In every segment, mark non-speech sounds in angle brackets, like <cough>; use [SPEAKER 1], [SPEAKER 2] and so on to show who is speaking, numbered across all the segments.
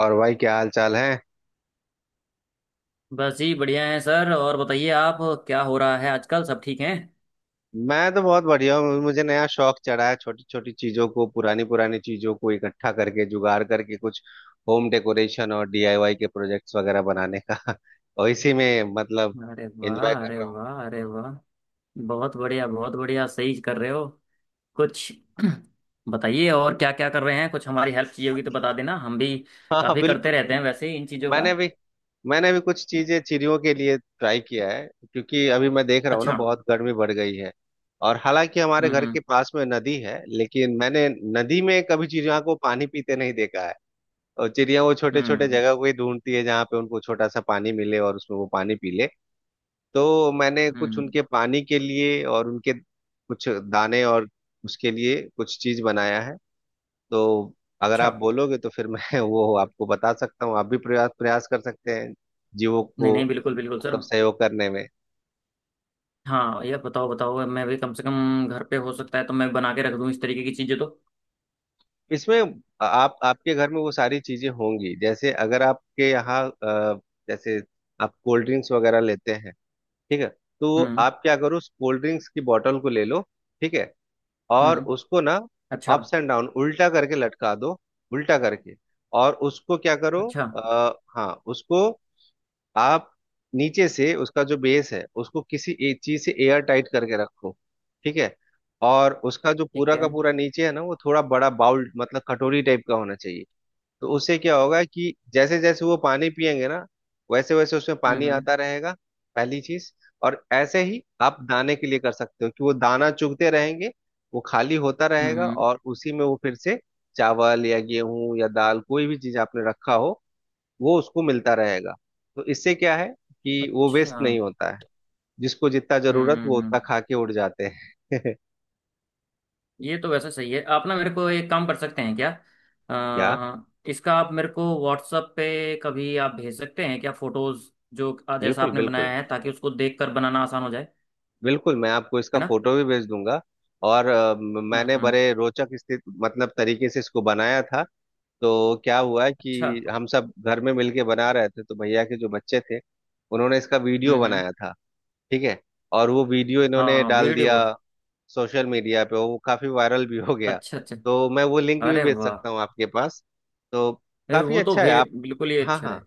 [SPEAKER 1] और भाई क्या हाल चाल है।
[SPEAKER 2] बस जी बढ़िया है सर। और बताइए आप, क्या हो रहा है आजकल? सब ठीक हैं?
[SPEAKER 1] मैं तो बहुत बढ़िया हूँ। मुझे नया शौक चढ़ा है छोटी छोटी चीजों को पुरानी पुरानी चीजों को इकट्ठा करके जुगाड़ करके कुछ होम डेकोरेशन और डीआईवाई के प्रोजेक्ट्स वगैरह बनाने का। <laughs> और इसी में मतलब
[SPEAKER 2] अरे
[SPEAKER 1] एंजॉय
[SPEAKER 2] वाह,
[SPEAKER 1] कर
[SPEAKER 2] अरे
[SPEAKER 1] रहा हूँ।
[SPEAKER 2] वाह, अरे वाह। बहुत बढ़िया, बहुत बढ़िया, सही कर रहे हो। कुछ <clears throat> बताइए और क्या क्या कर रहे हैं। कुछ हमारी हेल्प चाहिए होगी तो बता देना, हम भी
[SPEAKER 1] हाँ हाँ,
[SPEAKER 2] काफी करते
[SPEAKER 1] बिल्कुल बिल्कुल।
[SPEAKER 2] रहते हैं वैसे ही इन चीजों का।
[SPEAKER 1] मैंने भी मैंने भी कुछ चीजें चिड़ियों के लिए ट्राई किया है। क्योंकि अभी मैं देख रहा हूँ ना,
[SPEAKER 2] अच्छा।
[SPEAKER 1] बहुत गर्मी बढ़ गई है। और हालांकि हमारे
[SPEAKER 2] हम्म,
[SPEAKER 1] घर
[SPEAKER 2] हम्म।
[SPEAKER 1] के पास में नदी है, लेकिन मैंने नदी में कभी चिड़िया को पानी पीते नहीं देखा है। और चिड़िया वो छोटे छोटे
[SPEAKER 2] हम्म,
[SPEAKER 1] जगह को ही ढूंढती है जहाँ पे उनको छोटा सा पानी मिले और उसमें वो पानी पी ले। तो मैंने कुछ
[SPEAKER 2] हम्म।
[SPEAKER 1] उनके पानी के लिए और उनके कुछ दाने और उसके लिए कुछ चीज बनाया है। तो अगर
[SPEAKER 2] अच्छा।
[SPEAKER 1] आप बोलोगे तो फिर मैं <laughs> वो आपको बता सकता हूँ। आप भी प्रयास प्रयास कर सकते हैं जीवों
[SPEAKER 2] नहीं
[SPEAKER 1] को
[SPEAKER 2] नहीं, बिल्कुल बिल्कुल सर।
[SPEAKER 1] मतलब सहयोग करने में।
[SPEAKER 2] हाँ ये बताओ बताओ, मैं भी कम से कम घर पे हो सकता है तो मैं बना के रख दूं इस तरीके की चीजें तो।
[SPEAKER 1] इसमें आप आपके घर में वो सारी चीजें होंगी। जैसे अगर आपके यहाँ जैसे आप कोल्ड ड्रिंक्स वगैरह लेते हैं। ठीक है। तो
[SPEAKER 2] हम्म,
[SPEAKER 1] आप क्या करो उस कोल्ड ड्रिंक्स की बॉटल को ले लो। ठीक है। और
[SPEAKER 2] हम्म।
[SPEAKER 1] उसको ना
[SPEAKER 2] अच्छा।
[SPEAKER 1] अप्स एंड डाउन उल्टा करके लटका दो। उल्टा करके। और उसको क्या करो
[SPEAKER 2] अच्छा।
[SPEAKER 1] हाँ, उसको आप नीचे से उसका जो बेस है उसको किसी एक चीज से एयर टाइट करके रखो। ठीक है। और उसका जो
[SPEAKER 2] ठीक
[SPEAKER 1] पूरा
[SPEAKER 2] है।
[SPEAKER 1] का पूरा नीचे है ना वो थोड़ा बड़ा बाउल मतलब कटोरी टाइप का होना चाहिए। तो उससे क्या होगा कि जैसे जैसे वो पानी पिएंगे ना, वैसे वैसे उसमें
[SPEAKER 2] हम्म,
[SPEAKER 1] पानी
[SPEAKER 2] हम्म।
[SPEAKER 1] आता रहेगा। पहली चीज। और ऐसे ही आप दाने के लिए कर सकते हो कि वो दाना चुगते रहेंगे, वो खाली होता रहेगा
[SPEAKER 2] हम्म।
[SPEAKER 1] और उसी में वो फिर से चावल या गेहूं या दाल कोई भी चीज आपने रखा हो वो उसको मिलता रहेगा। तो इससे क्या है कि वो
[SPEAKER 2] अच्छा।
[SPEAKER 1] वेस्ट
[SPEAKER 2] हम्म,
[SPEAKER 1] नहीं होता है। जिसको जितना
[SPEAKER 2] हम्म,
[SPEAKER 1] जरूरत वो उतना
[SPEAKER 2] हम्म।
[SPEAKER 1] खा के उड़ जाते हैं।
[SPEAKER 2] ये तो वैसे सही है। आप ना मेरे को एक काम कर सकते हैं क्या,
[SPEAKER 1] <laughs> क्या।
[SPEAKER 2] इसका आप मेरे को व्हाट्सएप पे कभी आप भेज सकते हैं क्या? फोटोज जो जैसा
[SPEAKER 1] बिल्कुल
[SPEAKER 2] आपने
[SPEAKER 1] बिल्कुल।
[SPEAKER 2] बनाया है, ताकि उसको देख कर बनाना आसान हो जाए।
[SPEAKER 1] बिल्कुल मैं आपको इसका
[SPEAKER 2] है ना?
[SPEAKER 1] फोटो भी भेज दूंगा। और
[SPEAKER 2] हम्म,
[SPEAKER 1] मैंने
[SPEAKER 2] हम्म।
[SPEAKER 1] बड़े रोचक स्थित मतलब तरीके से इसको बनाया था। तो क्या हुआ
[SPEAKER 2] अच्छा।
[SPEAKER 1] कि हम सब घर में मिलके बना रहे थे तो भैया के जो बच्चे थे उन्होंने इसका
[SPEAKER 2] हम्म,
[SPEAKER 1] वीडियो
[SPEAKER 2] हम्म।
[SPEAKER 1] बनाया था। ठीक है। और वो वीडियो इन्होंने
[SPEAKER 2] हाँ
[SPEAKER 1] डाल
[SPEAKER 2] वीडियो
[SPEAKER 1] दिया
[SPEAKER 2] बहुत
[SPEAKER 1] सोशल मीडिया पे, वो काफी वायरल भी हो गया।
[SPEAKER 2] अच्छा, अच्छा।
[SPEAKER 1] तो मैं वो लिंक भी
[SPEAKER 2] अरे
[SPEAKER 1] भेज
[SPEAKER 2] वाह।
[SPEAKER 1] सकता हूँ आपके पास। तो
[SPEAKER 2] ए,
[SPEAKER 1] काफी
[SPEAKER 2] वो तो
[SPEAKER 1] अच्छा है
[SPEAKER 2] फिर
[SPEAKER 1] आप।
[SPEAKER 2] बिल्कुल ही
[SPEAKER 1] हाँ
[SPEAKER 2] अच्छा
[SPEAKER 1] हाँ।
[SPEAKER 2] रहे।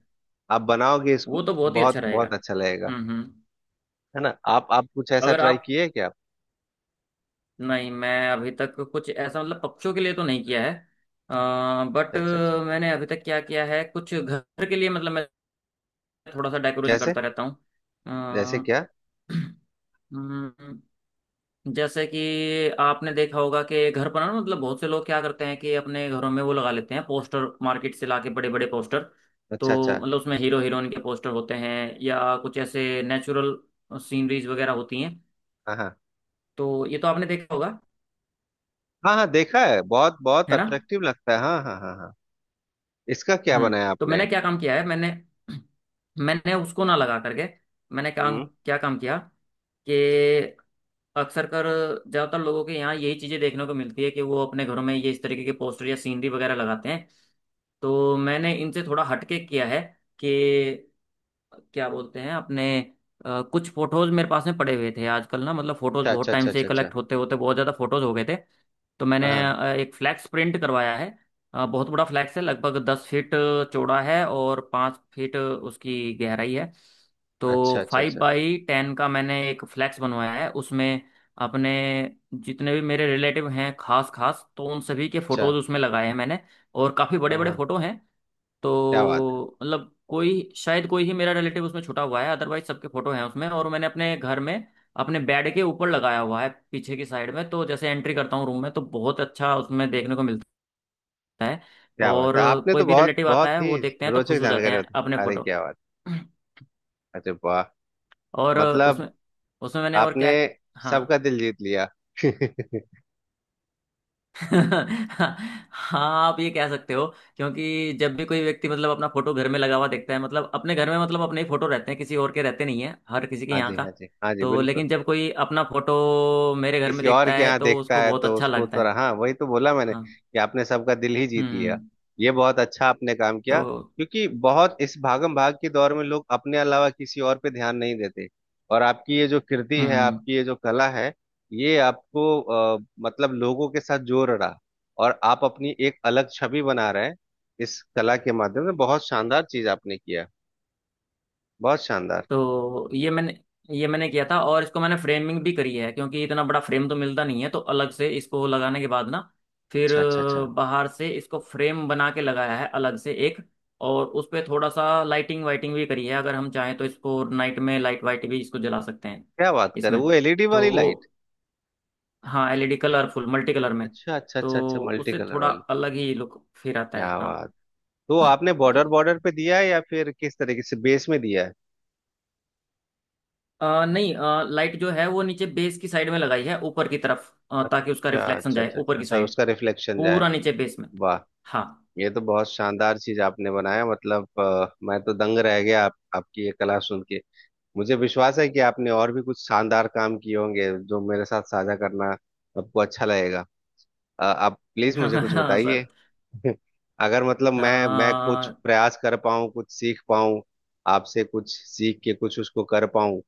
[SPEAKER 1] आप बनाओगे
[SPEAKER 2] वो
[SPEAKER 1] इसको,
[SPEAKER 2] तो बहुत ही अच्छा
[SPEAKER 1] बहुत बहुत
[SPEAKER 2] रहेगा।
[SPEAKER 1] अच्छा लगेगा।
[SPEAKER 2] हम्म, हम्म।
[SPEAKER 1] है ना, आप कुछ ऐसा
[SPEAKER 2] अगर
[SPEAKER 1] ट्राई
[SPEAKER 2] आप,
[SPEAKER 1] किए क्या।
[SPEAKER 2] नहीं मैं अभी तक कुछ ऐसा मतलब पक्षियों के लिए तो नहीं किया है। बट
[SPEAKER 1] अच्छा अच्छा अच्छा।
[SPEAKER 2] मैंने अभी तक क्या किया है, कुछ घर के लिए मतलब मैं थोड़ा सा डेकोरेशन
[SPEAKER 1] जैसे।
[SPEAKER 2] करता रहता हूँ।
[SPEAKER 1] जैसे
[SPEAKER 2] अ, <clears throat>
[SPEAKER 1] क्या।
[SPEAKER 2] हम्म, जैसे कि आपने देखा होगा कि घर पर ना, मतलब बहुत से लोग क्या करते हैं कि अपने घरों में वो लगा लेते हैं पोस्टर, मार्केट से लाके बड़े बड़े पोस्टर।
[SPEAKER 1] अच्छा अच्छा।
[SPEAKER 2] तो मतलब उसमें हीरो हीरोइन के पोस्टर होते हैं या कुछ ऐसे नेचुरल सीनरीज वगैरह होती हैं।
[SPEAKER 1] हाँ हाँ
[SPEAKER 2] तो ये तो आपने देखा होगा,
[SPEAKER 1] हाँ हाँ, देखा है, बहुत बहुत
[SPEAKER 2] है ना?
[SPEAKER 1] अट्रैक्टिव लगता है। हाँ हाँ हाँ हाँ। इसका क्या
[SPEAKER 2] हम्म।
[SPEAKER 1] बनाया
[SPEAKER 2] तो
[SPEAKER 1] आपने।
[SPEAKER 2] मैंने क्या काम किया है, मैंने मैंने उसको ना लगा करके, मैंने काम
[SPEAKER 1] हम्म।
[SPEAKER 2] क्या काम किया कि अक्सर कर, ज़्यादातर लोगों के यहाँ यही चीज़ें देखने को मिलती है कि वो अपने घरों में ये इस तरीके के पोस्टर या सीनरी वगैरह लगाते हैं। तो मैंने इनसे थोड़ा हटके किया है कि क्या बोलते हैं अपने, कुछ फोटोज मेरे पास में पड़े हुए थे आजकल ना, मतलब फोटोज
[SPEAKER 1] अच्छा अच्छा
[SPEAKER 2] बहुत टाइम
[SPEAKER 1] अच्छा
[SPEAKER 2] से
[SPEAKER 1] अच्छा अच्छा।
[SPEAKER 2] कलेक्ट होते होते बहुत ज़्यादा फोटोज हो गए थे। तो मैंने
[SPEAKER 1] हाँ हाँ।
[SPEAKER 2] एक फ्लैक्स प्रिंट करवाया है। बहुत बड़ा फ्लैक्स है, लगभग 10 फीट चौड़ा है और 5 फीट उसकी गहराई है।
[SPEAKER 1] अच्छा
[SPEAKER 2] तो
[SPEAKER 1] अच्छा
[SPEAKER 2] फाइव
[SPEAKER 1] अच्छा
[SPEAKER 2] बाई टेन का मैंने एक फ्लैक्स बनवाया है। उसमें अपने जितने भी मेरे रिलेटिव हैं खास खास, तो उन सभी के
[SPEAKER 1] अच्छा।
[SPEAKER 2] फोटोज उसमें लगाए हैं मैंने। और काफ़ी बड़े
[SPEAKER 1] हाँ
[SPEAKER 2] बड़े
[SPEAKER 1] हाँ।
[SPEAKER 2] फोटो हैं।
[SPEAKER 1] क्या बात है।
[SPEAKER 2] तो मतलब कोई शायद कोई ही मेरा रिलेटिव उसमें छुटा हुआ है, अदरवाइज सबके फोटो हैं उसमें। और मैंने अपने घर में अपने बेड के ऊपर लगाया हुआ है, पीछे की साइड में, तो जैसे एंट्री करता हूँ रूम में तो बहुत अच्छा उसमें देखने को मिलता है।
[SPEAKER 1] क्या
[SPEAKER 2] और
[SPEAKER 1] बात है आपने
[SPEAKER 2] कोई
[SPEAKER 1] तो
[SPEAKER 2] भी
[SPEAKER 1] बहुत
[SPEAKER 2] रिलेटिव आता
[SPEAKER 1] बहुत
[SPEAKER 2] है
[SPEAKER 1] ही
[SPEAKER 2] वो देखते हैं तो खुश
[SPEAKER 1] रोचक
[SPEAKER 2] हो जाते
[SPEAKER 1] जानकारी
[SPEAKER 2] हैं
[SPEAKER 1] होती।
[SPEAKER 2] अपने
[SPEAKER 1] अरे
[SPEAKER 2] फोटो।
[SPEAKER 1] क्या बात। अरे वाह।
[SPEAKER 2] और उसमें
[SPEAKER 1] मतलब
[SPEAKER 2] उसमें मैंने और
[SPEAKER 1] आपने
[SPEAKER 2] क्या, हाँ
[SPEAKER 1] सबका दिल जीत लिया। <laughs>
[SPEAKER 2] हाँ आप ये कह सकते हो, क्योंकि जब भी कोई व्यक्ति मतलब अपना फोटो घर में लगा हुआ देखता है, मतलब अपने घर में मतलब अपने ही फोटो रहते हैं, किसी और के रहते नहीं है हर किसी के
[SPEAKER 1] हाँ
[SPEAKER 2] यहाँ
[SPEAKER 1] जी हाँ
[SPEAKER 2] का।
[SPEAKER 1] जी हाँ जी,
[SPEAKER 2] तो
[SPEAKER 1] बिल्कुल।
[SPEAKER 2] लेकिन जब कोई अपना फोटो मेरे घर में
[SPEAKER 1] किसी और
[SPEAKER 2] देखता
[SPEAKER 1] के
[SPEAKER 2] है
[SPEAKER 1] यहाँ
[SPEAKER 2] तो
[SPEAKER 1] देखता
[SPEAKER 2] उसको
[SPEAKER 1] है
[SPEAKER 2] बहुत
[SPEAKER 1] तो
[SPEAKER 2] अच्छा
[SPEAKER 1] उसको
[SPEAKER 2] लगता
[SPEAKER 1] थोड़ा,
[SPEAKER 2] है।
[SPEAKER 1] हाँ वही तो बोला मैंने
[SPEAKER 2] हाँ।
[SPEAKER 1] कि आपने सबका दिल ही जीत लिया।
[SPEAKER 2] हम्म।
[SPEAKER 1] ये बहुत अच्छा आपने काम
[SPEAKER 2] तो
[SPEAKER 1] किया, क्योंकि बहुत इस भागम भाग के दौर में लोग अपने अलावा किसी और पे ध्यान नहीं देते। और आपकी ये जो कृति है,
[SPEAKER 2] हम्म।
[SPEAKER 1] आपकी ये जो कला है, ये आपको अ, मतलब लोगों के साथ जोड़ रहा। और आप अपनी एक अलग छवि बना रहे हैं इस कला के माध्यम से। बहुत शानदार चीज आपने किया, बहुत शानदार।
[SPEAKER 2] तो ये मैंने किया था और इसको मैंने फ्रेमिंग भी करी है, क्योंकि इतना बड़ा फ्रेम तो मिलता नहीं है, तो अलग से इसको लगाने के बाद ना फिर
[SPEAKER 1] अच्छा अच्छा अच्छा।
[SPEAKER 2] बाहर से इसको फ्रेम बना के लगाया है अलग से एक। और उस पे थोड़ा सा लाइटिंग वाइटिंग भी करी है, अगर हम चाहें तो इसको नाइट में लाइट वाइट भी इसको जला सकते हैं।
[SPEAKER 1] क्या बात कर रहे
[SPEAKER 2] इसमें
[SPEAKER 1] हो? वो एलईडी
[SPEAKER 2] तो
[SPEAKER 1] वाली
[SPEAKER 2] वो
[SPEAKER 1] लाइट।
[SPEAKER 2] हाँ एलईडी कलरफुल मल्टी कलर में,
[SPEAKER 1] अच्छा अच्छा
[SPEAKER 2] तो
[SPEAKER 1] अच्छा अच्छा, मल्टी
[SPEAKER 2] उससे
[SPEAKER 1] कलर
[SPEAKER 2] थोड़ा
[SPEAKER 1] वाली।
[SPEAKER 2] अलग ही लुक फिर आता है।
[SPEAKER 1] क्या
[SPEAKER 2] हाँ।
[SPEAKER 1] बात। तो
[SPEAKER 2] <clears throat>
[SPEAKER 1] आपने बॉर्डर
[SPEAKER 2] ये
[SPEAKER 1] बॉर्डर पे दिया है या फिर किस तरीके से बेस में दिया है।
[SPEAKER 2] नहीं लाइट जो है वो नीचे बेस की साइड में लगाई है ऊपर की तरफ, ताकि उसका
[SPEAKER 1] अच्छा
[SPEAKER 2] रिफ्लेक्शन
[SPEAKER 1] अच्छा
[SPEAKER 2] जाए
[SPEAKER 1] अच्छा
[SPEAKER 2] ऊपर
[SPEAKER 1] अच्छा
[SPEAKER 2] की
[SPEAKER 1] अच्छा,
[SPEAKER 2] साइड,
[SPEAKER 1] उसका रिफ्लेक्शन जाए।
[SPEAKER 2] पूरा नीचे बेस में।
[SPEAKER 1] वाह।
[SPEAKER 2] हाँ।
[SPEAKER 1] ये तो बहुत शानदार चीज आपने बनाया। मतलब मैं तो दंग रह गया। आप, आपकी ये कला सुन के मुझे विश्वास है कि आपने और भी कुछ शानदार काम किए होंगे जो मेरे साथ साझा करना आपको अच्छा लगेगा। आप प्लीज
[SPEAKER 2] <laughs>
[SPEAKER 1] मुझे कुछ
[SPEAKER 2] हाँ
[SPEAKER 1] बताइए।
[SPEAKER 2] सर।
[SPEAKER 1] अगर मतलब मैं कुछ
[SPEAKER 2] आ,
[SPEAKER 1] प्रयास कर पाऊँ, कुछ सीख पाऊँ, आपसे कुछ सीख के कुछ उसको कर पाऊँ,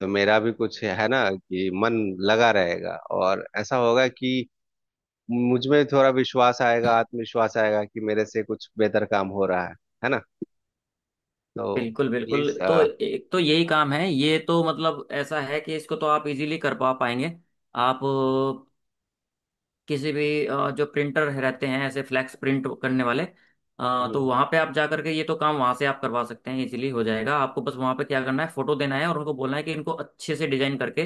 [SPEAKER 1] तो मेरा भी कुछ है ना कि मन लगा रहेगा और ऐसा होगा कि मुझ में थोड़ा विश्वास आएगा, आत्मविश्वास आएगा कि मेरे से कुछ बेहतर काम हो रहा है। है ना। तो
[SPEAKER 2] बिल्कुल बिल्कुल,
[SPEAKER 1] प्लीज।
[SPEAKER 2] तो
[SPEAKER 1] अच्छा
[SPEAKER 2] एक तो यही काम है, ये तो मतलब ऐसा है कि इसको तो आप इजीली कर पा पाएंगे। आप किसी भी जो प्रिंटर रहते हैं ऐसे फ्लैक्स प्रिंट करने वाले, तो वहाँ पे आप जा करके ये तो काम वहाँ से आप करवा सकते हैं, इजीली हो जाएगा। आपको बस वहाँ पे क्या करना है, फोटो देना है और उनको बोलना है कि इनको अच्छे से डिजाइन करके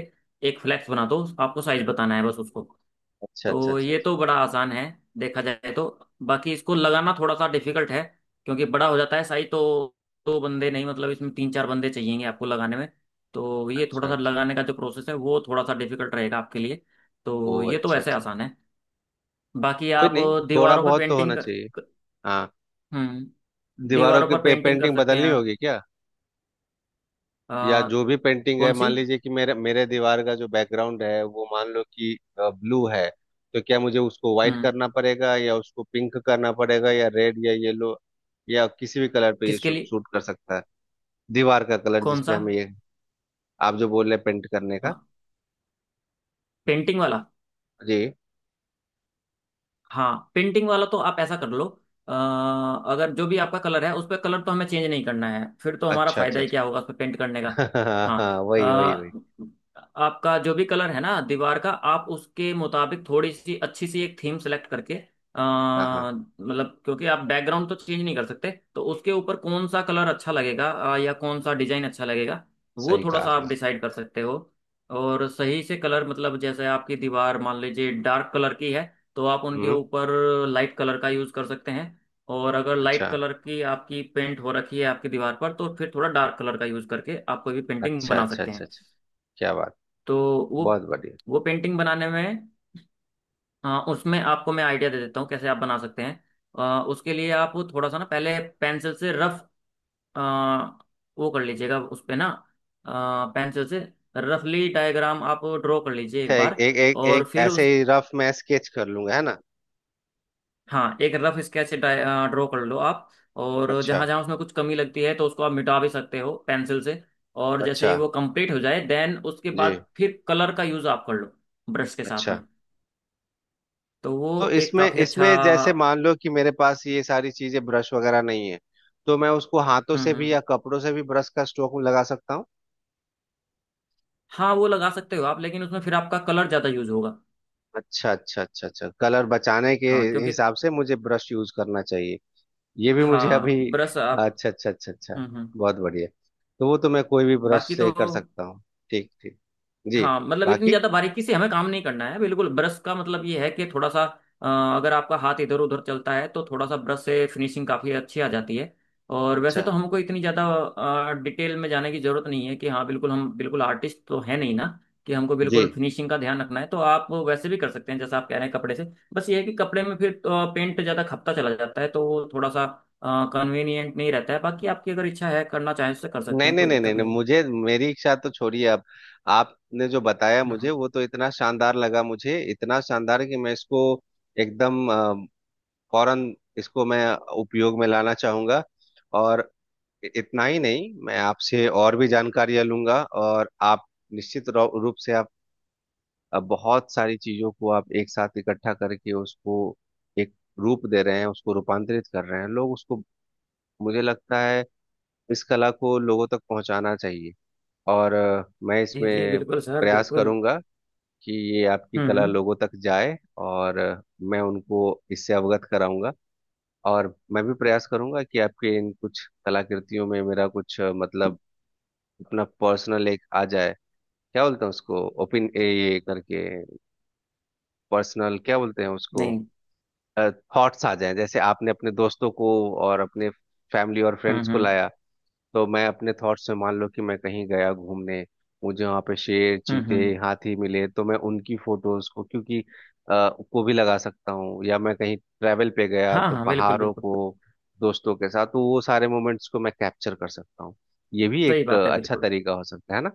[SPEAKER 2] एक फ्लैक्स बना दो। आपको साइज बताना है बस उसको।
[SPEAKER 1] अच्छा अच्छा
[SPEAKER 2] तो ये तो बड़ा आसान है देखा जाए तो। बाकी इसको लगाना थोड़ा सा डिफिकल्ट है, क्योंकि बड़ा हो जाता है साइज तो, दो बंदे नहीं मतलब इसमें तीन चार बंदे चाहिएंगे आपको लगाने में। तो ये
[SPEAKER 1] अच्छा
[SPEAKER 2] थोड़ा सा
[SPEAKER 1] अच्छा।
[SPEAKER 2] लगाने का जो प्रोसेस है वो थोड़ा सा डिफिकल्ट रहेगा आपके लिए।
[SPEAKER 1] ओ
[SPEAKER 2] तो ये तो
[SPEAKER 1] अच्छा
[SPEAKER 2] वैसे
[SPEAKER 1] अच्छा।
[SPEAKER 2] आसान है। बाकी
[SPEAKER 1] कोई
[SPEAKER 2] आप
[SPEAKER 1] नहीं, थोड़ा
[SPEAKER 2] दीवारों पे
[SPEAKER 1] बहुत तो
[SPEAKER 2] पेंटिंग
[SPEAKER 1] होना
[SPEAKER 2] कर,
[SPEAKER 1] चाहिए।
[SPEAKER 2] क-,
[SPEAKER 1] हाँ।
[SPEAKER 2] हम्म, दीवारों पर पेंटिंग कर
[SPEAKER 1] पेंटिंग
[SPEAKER 2] सकते हैं
[SPEAKER 1] बदलनी
[SPEAKER 2] आप।
[SPEAKER 1] होगी क्या। या जो
[SPEAKER 2] अ,
[SPEAKER 1] भी पेंटिंग है
[SPEAKER 2] कौन
[SPEAKER 1] मान
[SPEAKER 2] सी,
[SPEAKER 1] लीजिए कि मेरे मेरे दीवार का जो बैकग्राउंड है वो मान लो कि ब्लू है। तो क्या मुझे उसको व्हाइट
[SPEAKER 2] हम्म,
[SPEAKER 1] करना पड़ेगा या उसको पिंक करना पड़ेगा या रेड या येलो या किसी भी कलर पे ये
[SPEAKER 2] किसके लिए,
[SPEAKER 1] शूट कर सकता है। दीवार का कलर
[SPEAKER 2] कौन
[SPEAKER 1] जिसपे
[SPEAKER 2] सा,
[SPEAKER 1] हम ये आप जो बोल रहे पेंट करने का।
[SPEAKER 2] हाँ पेंटिंग वाला,
[SPEAKER 1] जी।
[SPEAKER 2] हाँ पेंटिंग वाला तो आप ऐसा कर लो। अ, अगर जो भी आपका कलर है उस पर कलर तो हमें चेंज नहीं करना है, फिर तो हमारा
[SPEAKER 1] अच्छा अच्छा
[SPEAKER 2] फायदा ही
[SPEAKER 1] अच्छा।
[SPEAKER 2] क्या होगा उस पर पेंट करने का।
[SPEAKER 1] <laughs> हाँ
[SPEAKER 2] हाँ।
[SPEAKER 1] हाँ वही वही वही।
[SPEAKER 2] अ, आपका जो भी कलर है ना दीवार का, आप उसके मुताबिक थोड़ी सी अच्छी सी एक थीम सेलेक्ट करके
[SPEAKER 1] हाँ हाँ।
[SPEAKER 2] मतलब क्योंकि आप बैकग्राउंड तो चेंज नहीं कर सकते, तो उसके ऊपर कौन सा कलर अच्छा लगेगा, या कौन सा डिजाइन अच्छा लगेगा वो
[SPEAKER 1] सही
[SPEAKER 2] थोड़ा
[SPEAKER 1] कहा
[SPEAKER 2] सा
[SPEAKER 1] आपने।
[SPEAKER 2] आप डिसाइड कर सकते हो। और सही से कलर मतलब, जैसे आपकी दीवार मान लीजिए डार्क कलर की है, तो आप उनके
[SPEAKER 1] हम्म।
[SPEAKER 2] ऊपर लाइट कलर का यूज़ कर सकते हैं। और अगर लाइट
[SPEAKER 1] अच्छा
[SPEAKER 2] कलर की आपकी पेंट हो रखी है आपकी दीवार पर, तो फिर थोड़ा डार्क कलर का यूज़ करके आप कोई भी पेंटिंग
[SPEAKER 1] अच्छा
[SPEAKER 2] बना
[SPEAKER 1] अच्छा
[SPEAKER 2] सकते
[SPEAKER 1] अच्छा
[SPEAKER 2] हैं।
[SPEAKER 1] अच्छा। क्या बात,
[SPEAKER 2] तो वो
[SPEAKER 1] बहुत बढ़िया।
[SPEAKER 2] वो पेंटिंग बनाने में उसमें आपको मैं आइडिया दे देता हूँ कैसे आप बना सकते हैं। उसके लिए आप थोड़ा सा ना पहले पेंसिल से रफ वो कर लीजिएगा उस पे ना, पेंसिल से रफली डायग्राम आप ड्रॉ कर लीजिए
[SPEAKER 1] अच्छा,
[SPEAKER 2] एक
[SPEAKER 1] एक
[SPEAKER 2] बार।
[SPEAKER 1] एक एक
[SPEAKER 2] और
[SPEAKER 1] एक
[SPEAKER 2] फिर
[SPEAKER 1] ऐसे
[SPEAKER 2] उस,
[SPEAKER 1] ही रफ मैं स्केच कर लूंगा, है ना।
[SPEAKER 2] हाँ एक रफ स्केच ड्रॉ कर लो आप, और
[SPEAKER 1] अच्छा
[SPEAKER 2] जहाँ जहाँ उसमें कुछ कमी लगती है तो उसको आप मिटा भी सकते हो पेंसिल से। और जैसे
[SPEAKER 1] अच्छा।
[SPEAKER 2] ही वो कंप्लीट हो जाए देन उसके
[SPEAKER 1] जी।
[SPEAKER 2] बाद फिर कलर का यूज़ आप कर लो ब्रश के साथ में।
[SPEAKER 1] अच्छा।
[SPEAKER 2] तो
[SPEAKER 1] तो
[SPEAKER 2] वो एक
[SPEAKER 1] इसमें
[SPEAKER 2] काफ़ी अच्छा।
[SPEAKER 1] इसमें जैसे मान लो कि मेरे पास ये सारी चीजें ब्रश वगैरह नहीं है, तो मैं उसको हाथों
[SPEAKER 2] हम्म,
[SPEAKER 1] से भी
[SPEAKER 2] हम्म।
[SPEAKER 1] या कपड़ों से भी ब्रश का स्ट्रोक लगा सकता हूँ।
[SPEAKER 2] हाँ वो लगा सकते हो आप, लेकिन उसमें फिर आपका कलर ज़्यादा यूज़ होगा।
[SPEAKER 1] अच्छा अच्छा अच्छा अच्छा, कलर बचाने के
[SPEAKER 2] हाँ क्योंकि,
[SPEAKER 1] हिसाब से मुझे ब्रश यूज करना चाहिए। ये भी मुझे अभी।
[SPEAKER 2] हाँ ब्रश आप,
[SPEAKER 1] अच्छा अच्छा अच्छा अच्छा।
[SPEAKER 2] हम्म, हम्म।
[SPEAKER 1] बहुत बढ़िया। तो वो तो मैं कोई भी ब्रश
[SPEAKER 2] बाकी
[SPEAKER 1] से
[SPEAKER 2] तो,
[SPEAKER 1] कर सकता हूँ। ठीक ठीक। जी।
[SPEAKER 2] हाँ मतलब इतनी
[SPEAKER 1] बाकी।
[SPEAKER 2] ज्यादा बारीकी से हमें काम नहीं करना है, बिल्कुल ब्रश का मतलब ये है कि थोड़ा सा अ, अगर आपका हाथ इधर उधर चलता है तो थोड़ा सा ब्रश से फिनिशिंग काफी अच्छी आ जाती है। और
[SPEAKER 1] अच्छा।
[SPEAKER 2] वैसे तो हमको इतनी ज्यादा डिटेल में जाने की जरूरत नहीं है कि, हाँ बिल्कुल, हम बिल्कुल आर्टिस्ट तो है नहीं ना कि हमको
[SPEAKER 1] जी।
[SPEAKER 2] बिल्कुल फिनिशिंग का ध्यान रखना है। तो आप वैसे भी कर सकते हैं जैसा आप कह रहे हैं, कपड़े से, बस ये है कि कपड़े में फिर पेंट ज्यादा खपता चला जाता है, तो वो थोड़ा सा कन्वीनियंट नहीं रहता है। बाकी आपकी अगर इच्छा है करना चाहें तो कर सकते
[SPEAKER 1] नहीं
[SPEAKER 2] हैं,
[SPEAKER 1] नहीं
[SPEAKER 2] कोई
[SPEAKER 1] नहीं नहीं
[SPEAKER 2] दिक्कत
[SPEAKER 1] नहीं,
[SPEAKER 2] नहीं है।
[SPEAKER 1] मुझे मेरी इच्छा तो छोड़िए अब। आपने जो बताया मुझे
[SPEAKER 2] हाँ
[SPEAKER 1] वो तो इतना शानदार लगा मुझे, इतना शानदार कि मैं इसको एकदम फौरन इसको मैं उपयोग में लाना चाहूंगा। और इतना ही नहीं, मैं आपसे और भी जानकारियां लूंगा। और आप निश्चित रूप से आप बहुत सारी चीजों को आप एक साथ इकट्ठा करके उसको एक रूप दे रहे हैं, उसको रूपांतरित कर रहे हैं लोग उसको। मुझे लगता है इस कला को लोगों तक पहुंचाना चाहिए। और मैं
[SPEAKER 2] जी जी,
[SPEAKER 1] इसमें
[SPEAKER 2] बिल्कुल सर,
[SPEAKER 1] प्रयास
[SPEAKER 2] बिल्कुल।
[SPEAKER 1] करूंगा कि ये आपकी कला
[SPEAKER 2] हम्म।
[SPEAKER 1] लोगों तक जाए। और मैं उनको इससे अवगत कराऊंगा। और मैं भी प्रयास करूंगा कि आपके इन कुछ कलाकृतियों में मेरा कुछ मतलब अपना पर्सनल एक आ जाए। क्या बोलते हैं उसको, ओपिन ये करके, पर्सनल क्या बोलते हैं उसको,
[SPEAKER 2] नहीं।
[SPEAKER 1] थॉट्स आ जाए। जैसे आपने अपने दोस्तों को और अपने फैमिली और फ्रेंड्स
[SPEAKER 2] हम्म,
[SPEAKER 1] को
[SPEAKER 2] हम्म।
[SPEAKER 1] लाया, तो मैं अपने थॉट्स में मान लो कि मैं कहीं गया घूमने, मुझे वहां पे शेर
[SPEAKER 2] हम्म,
[SPEAKER 1] चीते
[SPEAKER 2] हम्म।
[SPEAKER 1] हाथी मिले तो मैं उनकी फोटोज को क्योंकि को भी लगा सकता हूँ। या मैं कहीं ट्रैवल पे गया
[SPEAKER 2] हाँ
[SPEAKER 1] तो
[SPEAKER 2] हाँ, बिल्कुल
[SPEAKER 1] पहाड़ों
[SPEAKER 2] बिल्कुल।
[SPEAKER 1] को दोस्तों के साथ, तो वो सारे मोमेंट्स को मैं कैप्चर कर सकता हूँ। ये भी
[SPEAKER 2] सही
[SPEAKER 1] एक
[SPEAKER 2] बात है,
[SPEAKER 1] अच्छा
[SPEAKER 2] बिल्कुल।
[SPEAKER 1] तरीका हो सकता है ना।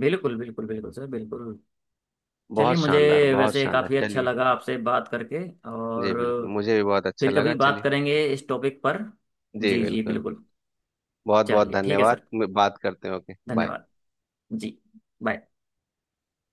[SPEAKER 2] बिल्कुल बिल्कुल बिल्कुल सर, बिल्कुल। चलिए
[SPEAKER 1] बहुत
[SPEAKER 2] मुझे,
[SPEAKER 1] शानदार, बहुत
[SPEAKER 2] वैसे
[SPEAKER 1] शानदार।
[SPEAKER 2] काफ़ी अच्छा
[SPEAKER 1] चलिए।
[SPEAKER 2] लगा आपसे बात करके।
[SPEAKER 1] जी
[SPEAKER 2] और
[SPEAKER 1] बिल्कुल, मुझे भी बहुत अच्छा
[SPEAKER 2] फिर
[SPEAKER 1] लगा।
[SPEAKER 2] कभी बात
[SPEAKER 1] चलिए।
[SPEAKER 2] करेंगे इस टॉपिक पर।
[SPEAKER 1] जी
[SPEAKER 2] जी जी
[SPEAKER 1] बिल्कुल।
[SPEAKER 2] बिल्कुल।
[SPEAKER 1] बहुत बहुत
[SPEAKER 2] चलिए ठीक है
[SPEAKER 1] धन्यवाद।
[SPEAKER 2] सर।
[SPEAKER 1] बात करते हैं, ओके बाय।
[SPEAKER 2] धन्यवाद। जी। बाय।